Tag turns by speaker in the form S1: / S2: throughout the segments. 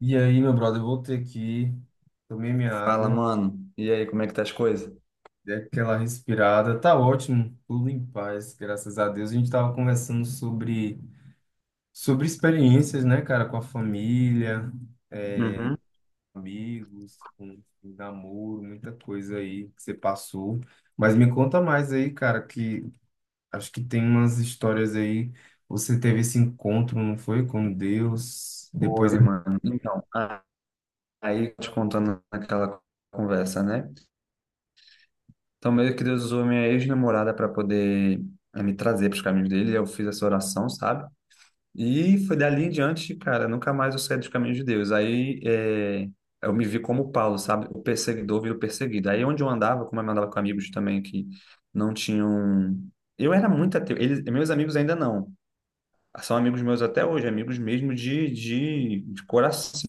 S1: E aí, meu brother, eu voltei aqui, tomei minha
S2: Fala,
S1: água,
S2: mano. E aí, como é que tá as coisas?
S1: dei aquela respirada, tá ótimo, tudo em paz, graças a Deus. A gente tava conversando sobre experiências, né, cara, com a família,
S2: Uhum.
S1: amigos, com namoro, muita coisa aí que você passou. Mas me conta mais aí, cara, que acho que tem umas histórias aí. Você teve esse encontro, não foi? Com Deus, depois.
S2: Oi, mano. Então, aí te contando aquela conversa, né? Então, meio que Deus usou minha ex-namorada para poder me trazer para os caminhos dele. Eu fiz essa oração, sabe? E foi dali em diante, cara, nunca mais eu saí dos caminhos de Deus. Aí eu me vi como Paulo, sabe? O perseguidor vira o perseguido. Aí onde eu andava, como eu andava com amigos também que não tinham. Eu era muito ateu. Eles, meus amigos ainda não são amigos meus até hoje, amigos mesmo de coração,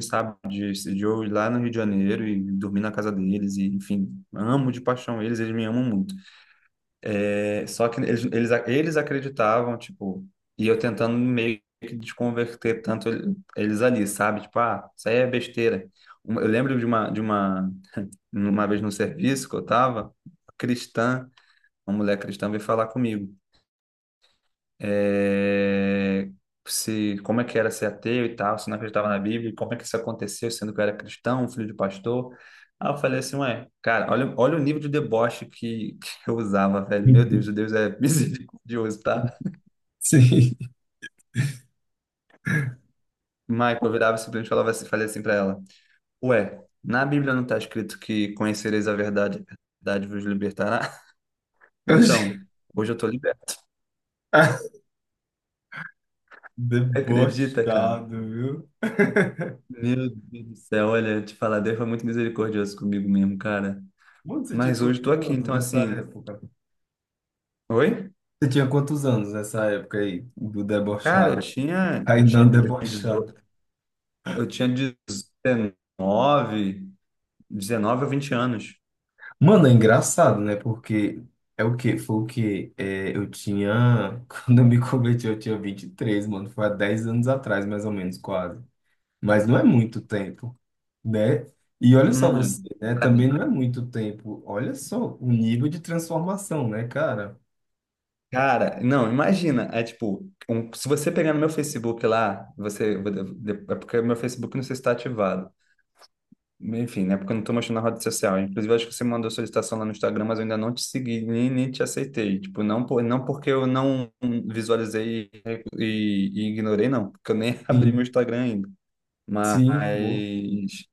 S2: sabe? De eu ir lá no Rio de Janeiro e dormir na casa deles, e enfim, amo de paixão eles, eles me amam muito. É, só que eles acreditavam, tipo, e eu tentando meio que desconverter tanto eles ali, sabe? Tipo, ah, isso aí é besteira. Eu lembro de uma vez no serviço que eu tava, cristã, uma mulher cristã veio falar comigo, é, se como é que era ser ateu e tal, se não acreditava na Bíblia, e como é que isso aconteceu, sendo que eu era cristão, filho de pastor. Aí eu falei assim, ué, cara, olha, olha o nível de deboche que eu usava, velho. Meu Deus, Deus é misericordioso, tá?
S1: Sim.
S2: Michael, eu virava e simplesmente falava assim, falei assim pra ela, ué, na Bíblia não tá escrito que conhecereis a verdade vos libertará?
S1: Eu
S2: Então, hoje eu tô liberto. Acredita, cara?
S1: Debochado, viu?
S2: Meu Deus do céu, olha, te falar, Deus foi muito misericordioso comigo mesmo, cara.
S1: Mano, você tinha
S2: Mas hoje tô
S1: quantos
S2: aqui,
S1: anos
S2: então
S1: nessa
S2: assim,
S1: época?
S2: oi?
S1: Você tinha quantos anos nessa época aí do
S2: Cara,
S1: debochado? Kainan debochado.
S2: eu tinha dezenove ou 20 anos.
S1: Mano, é engraçado, né? Porque é o quê? Foi o quê? É, eu tinha. Quando eu me converti, eu tinha 23, mano. Foi há 10 anos atrás, mais ou menos, quase. Mas não é muito tempo, né? E olha só você,
S2: Hum,
S1: né?
S2: pra
S1: Também
S2: mim.
S1: não é muito tempo. Olha só o nível de transformação, né, cara?
S2: Cara, não, imagina, é tipo, se você pegar no meu Facebook lá, você, é porque o meu Facebook não sei se está ativado. Enfim, né? Porque eu não tô mostrando na rede social. Inclusive, eu acho que você mandou solicitação lá no Instagram, mas eu ainda não te segui, nem te aceitei. Tipo, não, não porque eu não visualizei e ignorei, não. Porque eu nem abri meu
S1: Sim,
S2: Instagram ainda.
S1: sim, boa.
S2: Mas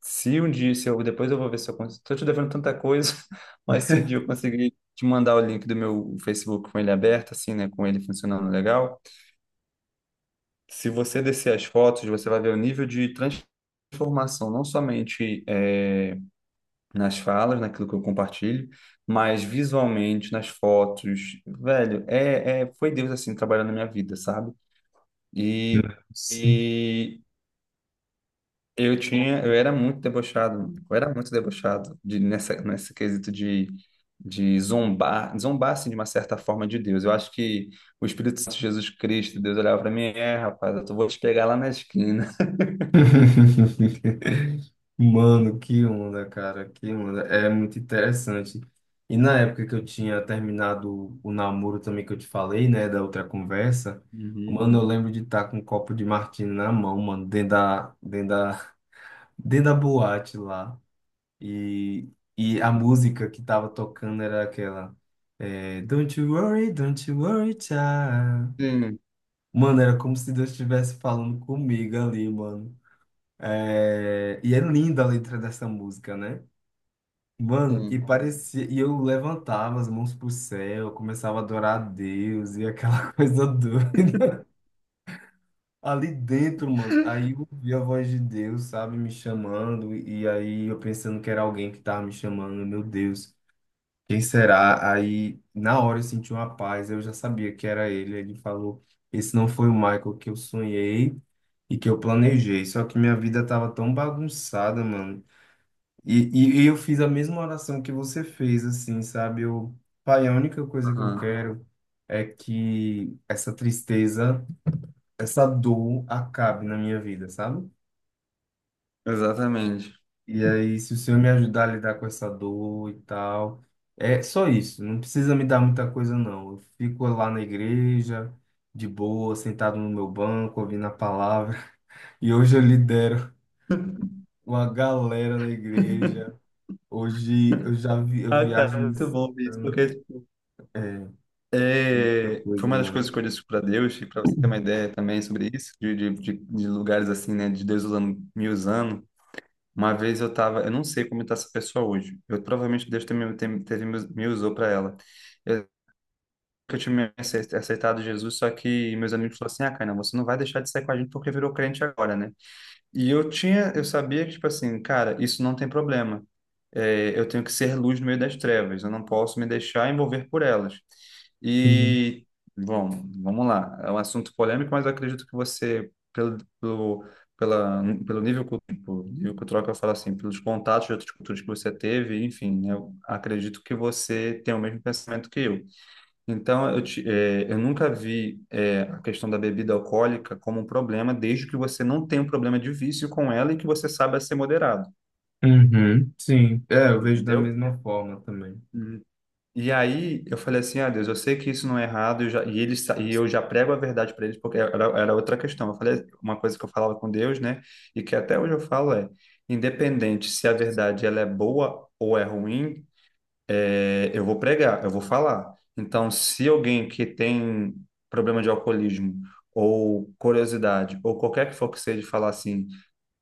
S2: se um dia, se eu, depois eu vou ver se eu consigo. Tô te devendo tanta coisa, mas se um dia eu conseguir te mandar o link do meu Facebook com ele aberto, assim, né? Com ele funcionando legal. Se você descer as fotos, você vai ver o nível de transformação, não somente, é, nas falas, naquilo que eu compartilho, mas visualmente, nas fotos, velho, foi Deus assim trabalhando na minha vida, sabe? E, e eu era muito debochado, eu era muito debochado nessa, nesse quesito de zombar, zombar assim de uma certa forma de Deus. Eu acho que o Espírito Santo, Jesus Cristo, Deus olhava para mim, rapaz, vou te pegar lá na esquina.
S1: Mano, que onda, cara, que onda. É muito interessante. E na época que eu tinha terminado o namoro também que eu te falei, né, da outra conversa,
S2: Uhum.
S1: mano, eu lembro de estar com um copo de martini na mão, mano, dentro da, dentro da boate lá. E, e a música que tava tocando era aquela, é, don't you worry, child.
S2: Sim,
S1: Mano, era como se Deus estivesse falando comigo ali, mano. É, E é linda a letra dessa música, né? Mano, e
S2: sim,
S1: parecia. E eu levantava as mãos pro céu, começava a adorar a Deus e aquela coisa doida. Ali dentro, mano, aí eu ouvi a voz de Deus, sabe, me chamando, e aí eu pensando que era alguém que tava me chamando, meu Deus, quem será? Aí na hora eu senti uma paz, eu já sabia que era ele. Ele falou: Esse não foi o Michael que eu sonhei e que eu planejei, só que minha vida tava tão bagunçada, mano. E eu fiz a mesma oração que você fez, assim, sabe? Eu, pai, a única coisa que eu
S2: aham,
S1: quero é que essa tristeza, essa dor acabe na minha vida, sabe?
S2: exatamente.
S1: E aí, se o Senhor me ajudar a lidar com essa dor e tal, é só isso, não precisa me dar muita coisa, não. Eu fico lá na igreja, de boa, sentado no meu banco, ouvindo a palavra, e hoje eu lidero uma galera da igreja. Hoje eu já vi, eu
S2: Ah,
S1: viajo em
S2: cara, muito bom ver isso,
S1: missão.
S2: porque
S1: É, é muita
S2: é, foi
S1: coisa,
S2: uma das coisas
S1: mano.
S2: que eu disse para Deus, e para você ter uma ideia também sobre isso, de lugares assim, né, de Deus usando, me usando. Uma vez eu tava, eu não sei como está essa pessoa hoje. Eu provavelmente Deus também teve, me usou para ela. Eu, eu tinha aceitado Jesus, só que meus amigos falaram assim: Ah, Caína, você não vai deixar de sair com a gente porque virou crente agora, né? E eu sabia que, tipo assim, cara, isso não tem problema. É, eu tenho que ser luz no meio das trevas, eu não posso me deixar envolver por elas.
S1: Uhum.
S2: E, bom, vamos lá. É um assunto polêmico, mas eu acredito que você, pelo nível, tipo, nível cultural que eu falo assim, pelos contatos de outras culturas que você teve, enfim, eu acredito que você tem o mesmo pensamento que eu. Então, eu nunca vi, a questão da bebida alcoólica como um problema, desde que você não tenha um problema de vício com ela e que você saiba ser moderado,
S1: Uhum, sim, é, eu vejo da
S2: entendeu?
S1: mesma forma também.
S2: Uhum. E aí eu falei assim, ah, Deus, eu sei que isso não é errado, eu já- e, eles, sa- e eu já prego a verdade para eles, porque era outra questão. Eu falei uma coisa que eu falava com Deus, né? E que até hoje eu falo independente se a verdade ela é boa ou é ruim, eu vou pregar, eu vou falar. Então, se alguém que tem problema de alcoolismo ou curiosidade ou qualquer que for que seja falar assim,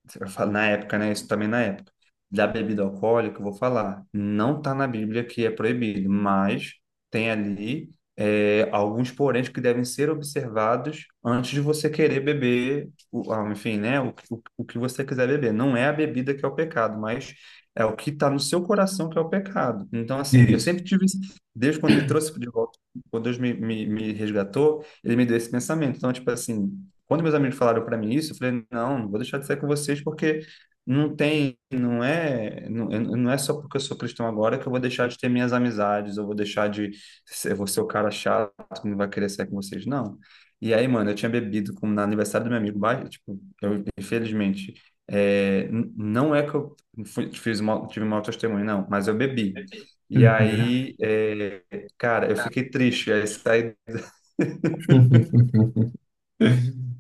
S2: você vai falar na época, né? Isso também na época. Da bebida alcoólica, eu vou falar. Não está na Bíblia que é proibido, mas tem ali, alguns poréns que devem ser observados antes de você querer beber, enfim, né? O que você quiser beber. Não é a bebida que é o pecado, mas é o que está no seu coração que é o pecado. Então, assim, eu
S1: Isso.
S2: sempre tive desde quando me trouxe de volta, quando Deus me resgatou, ele me deu esse pensamento. Então, tipo assim. Quando meus amigos falaram para mim isso, eu falei, não, não vou deixar de sair com vocês porque não tem, não é, não, não é só porque eu sou cristão agora que eu vou deixar de ter minhas amizades, eu vou ser o cara chato que não vai querer sair com vocês, não. E aí, mano, eu tinha bebido no aniversário do meu amigo, tipo, infelizmente, não é que eu fiz mal, tive mau testemunho, não, mas eu bebi. E
S1: Uhum.
S2: aí, cara, eu fiquei triste, aí saí.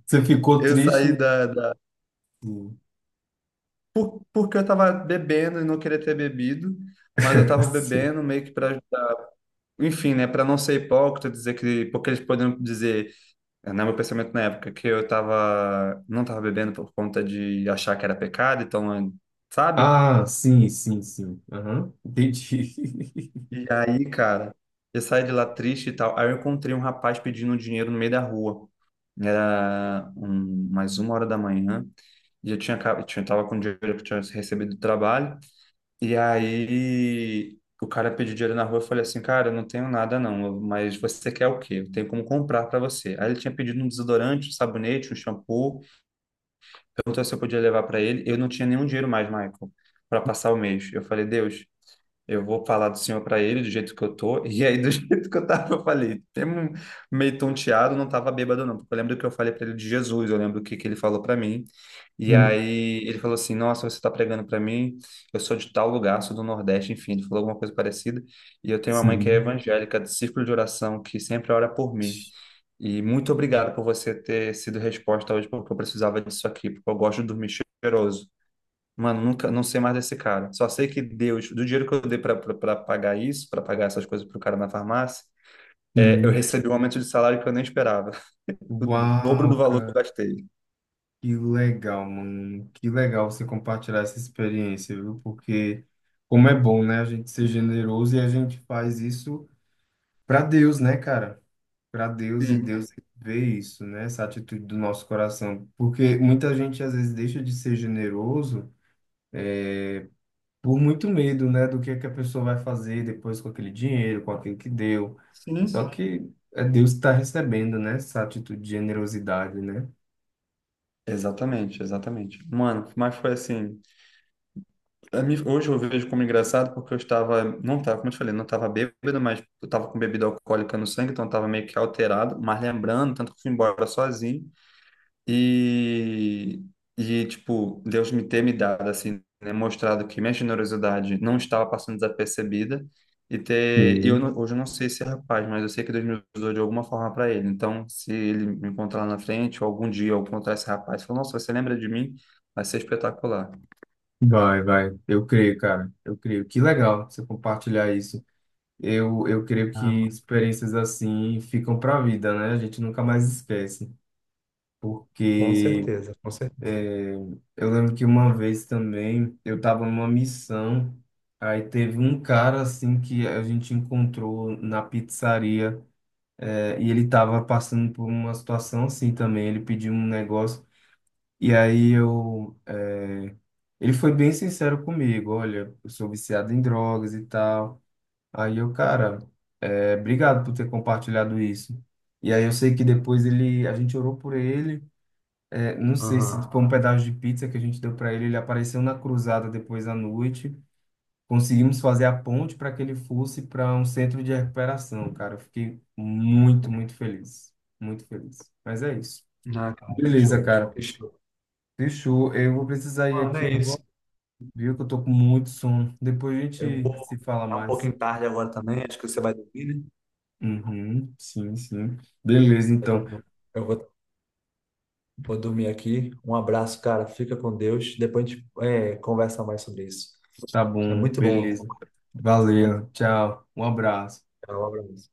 S1: Você ficou
S2: eu
S1: triste?
S2: saí
S1: Em-
S2: da, da- por, Porque eu tava bebendo e não queria ter bebido, mas eu tava
S1: Sim.
S2: bebendo meio que para, enfim, né, para não ser hipócrita, dizer que, porque eles poderiam dizer, né, meu pensamento na época que eu tava não tava bebendo por conta de achar que era pecado, então, sabe?
S1: Ah, sim, sim, sim. Aham, entendi.
S2: E aí, cara, eu saí de lá triste e tal. Aí eu encontrei um rapaz pedindo dinheiro no meio da rua. Era mais 1 hora da manhã. E eu tinha, acab- tinha, tava com o dinheiro que eu tinha recebido do trabalho. E aí o cara pediu dinheiro na rua, eu falei assim, cara, eu não tenho nada, não, mas você quer o quê? Eu tenho como comprar para você. Aí ele tinha pedido um desodorante, um sabonete, um shampoo, perguntou se eu podia levar para ele. Eu não tinha nenhum dinheiro mais, Michael, para passar o mês. Eu falei, Deus, eu vou falar do Senhor para ele do jeito que eu tô. E aí, do jeito que eu tava, eu falei, tem um, meio tonteado, não tava bêbado, não. Porque eu lembro que eu falei para ele de Jesus, eu lembro o que ele falou para mim. E
S1: Sim,
S2: aí ele falou assim: Nossa, você tá pregando para mim, eu sou de tal lugar, sou do Nordeste, enfim, ele falou alguma coisa parecida. E eu tenho uma mãe que é
S1: sim.
S2: evangélica, do círculo de oração, que sempre ora por mim. E muito obrigado por você ter sido resposta hoje, porque eu precisava disso aqui, porque eu gosto de dormir cheiroso. Mano, nunca, não sei mais desse cara. Só sei que Deus, do dinheiro que eu dei pra pagar isso, pra pagar essas coisas pro cara na farmácia, eu recebi um aumento de salário que eu nem esperava. O dobro do
S1: Uau,
S2: valor que
S1: cara,
S2: eu gastei.
S1: que legal, mano. Que legal você compartilhar essa experiência, viu? Porque como é bom, né? A gente ser generoso e a gente faz isso pra Deus, né, cara? Para Deus e
S2: Sim,
S1: Deus vê isso, né? Essa atitude do nosso coração, porque muita gente às vezes deixa de ser generoso por muito medo, né, do que é que a pessoa vai fazer depois com aquele dinheiro, com aquilo que deu.
S2: sim.
S1: Só que é Deus que está recebendo, né, essa atitude de generosidade, né?
S2: Exatamente, exatamente. Mano, mas foi assim. Hoje eu vejo como engraçado porque eu estava, não estava, como eu te falei, não estava bêbado, mas eu estava com bebida alcoólica no sangue, então eu estava meio que alterado. Mas lembrando, tanto que eu fui embora sozinho. E, tipo, Deus me ter me dado, assim, né, mostrado que minha generosidade não estava passando desapercebida e ter, e eu
S1: Sim.
S2: não, hoje eu não sei se é rapaz, mas eu sei que Deus me usou de alguma forma para ele. Então, se ele me encontrar lá na frente, ou algum dia eu encontrar esse rapaz, e falar, nossa, você lembra de mim? Vai ser espetacular.
S1: Vai, vai. Eu creio, cara. Eu creio. Que legal você compartilhar isso. Eu creio
S2: Ah,
S1: que
S2: mano,
S1: experiências assim ficam para a vida, né? A gente nunca mais esquece,
S2: com
S1: porque
S2: certeza, com certeza.
S1: é, eu lembro que uma vez também eu estava numa missão, aí teve um cara assim que a gente encontrou na pizzaria, é, e ele estava passando por uma situação assim também, ele pediu um negócio, e aí eu, é, ele foi bem sincero comigo, olha, eu sou viciado em drogas e tal. Aí eu, cara, é, obrigado por ter compartilhado isso. E aí eu sei que depois ele, a gente orou por ele. É, não sei se
S2: Aham.
S1: foi um pedaço de pizza que a gente deu para ele. Ele apareceu na cruzada depois à noite. Conseguimos fazer a ponte para que ele fosse para um centro de recuperação, cara. Eu fiquei muito, muito feliz. Muito feliz. Mas é isso.
S2: Ah, cara, que
S1: Beleza,
S2: show,
S1: cara.
S2: que show.
S1: Fechou. Eu vou precisar ir
S2: Mano,
S1: aqui
S2: é
S1: agora,
S2: isso.
S1: viu? Que eu tô com muito sono. Depois a
S2: Eu
S1: gente
S2: vou
S1: se fala
S2: ficar um
S1: mais.
S2: pouquinho tarde agora também, acho que você vai dormir, né?
S1: Uhum, sim, sim. Beleza,
S2: Eu
S1: então.
S2: também. Eu vou Vou dormir aqui. Um abraço, cara. Fica com Deus. Depois a gente, conversa mais sobre isso.
S1: Tá
S2: É
S1: bom.
S2: muito bom,
S1: Beleza.
S2: né?
S1: Valeu. Tchau. Um abraço.
S2: Um abraço.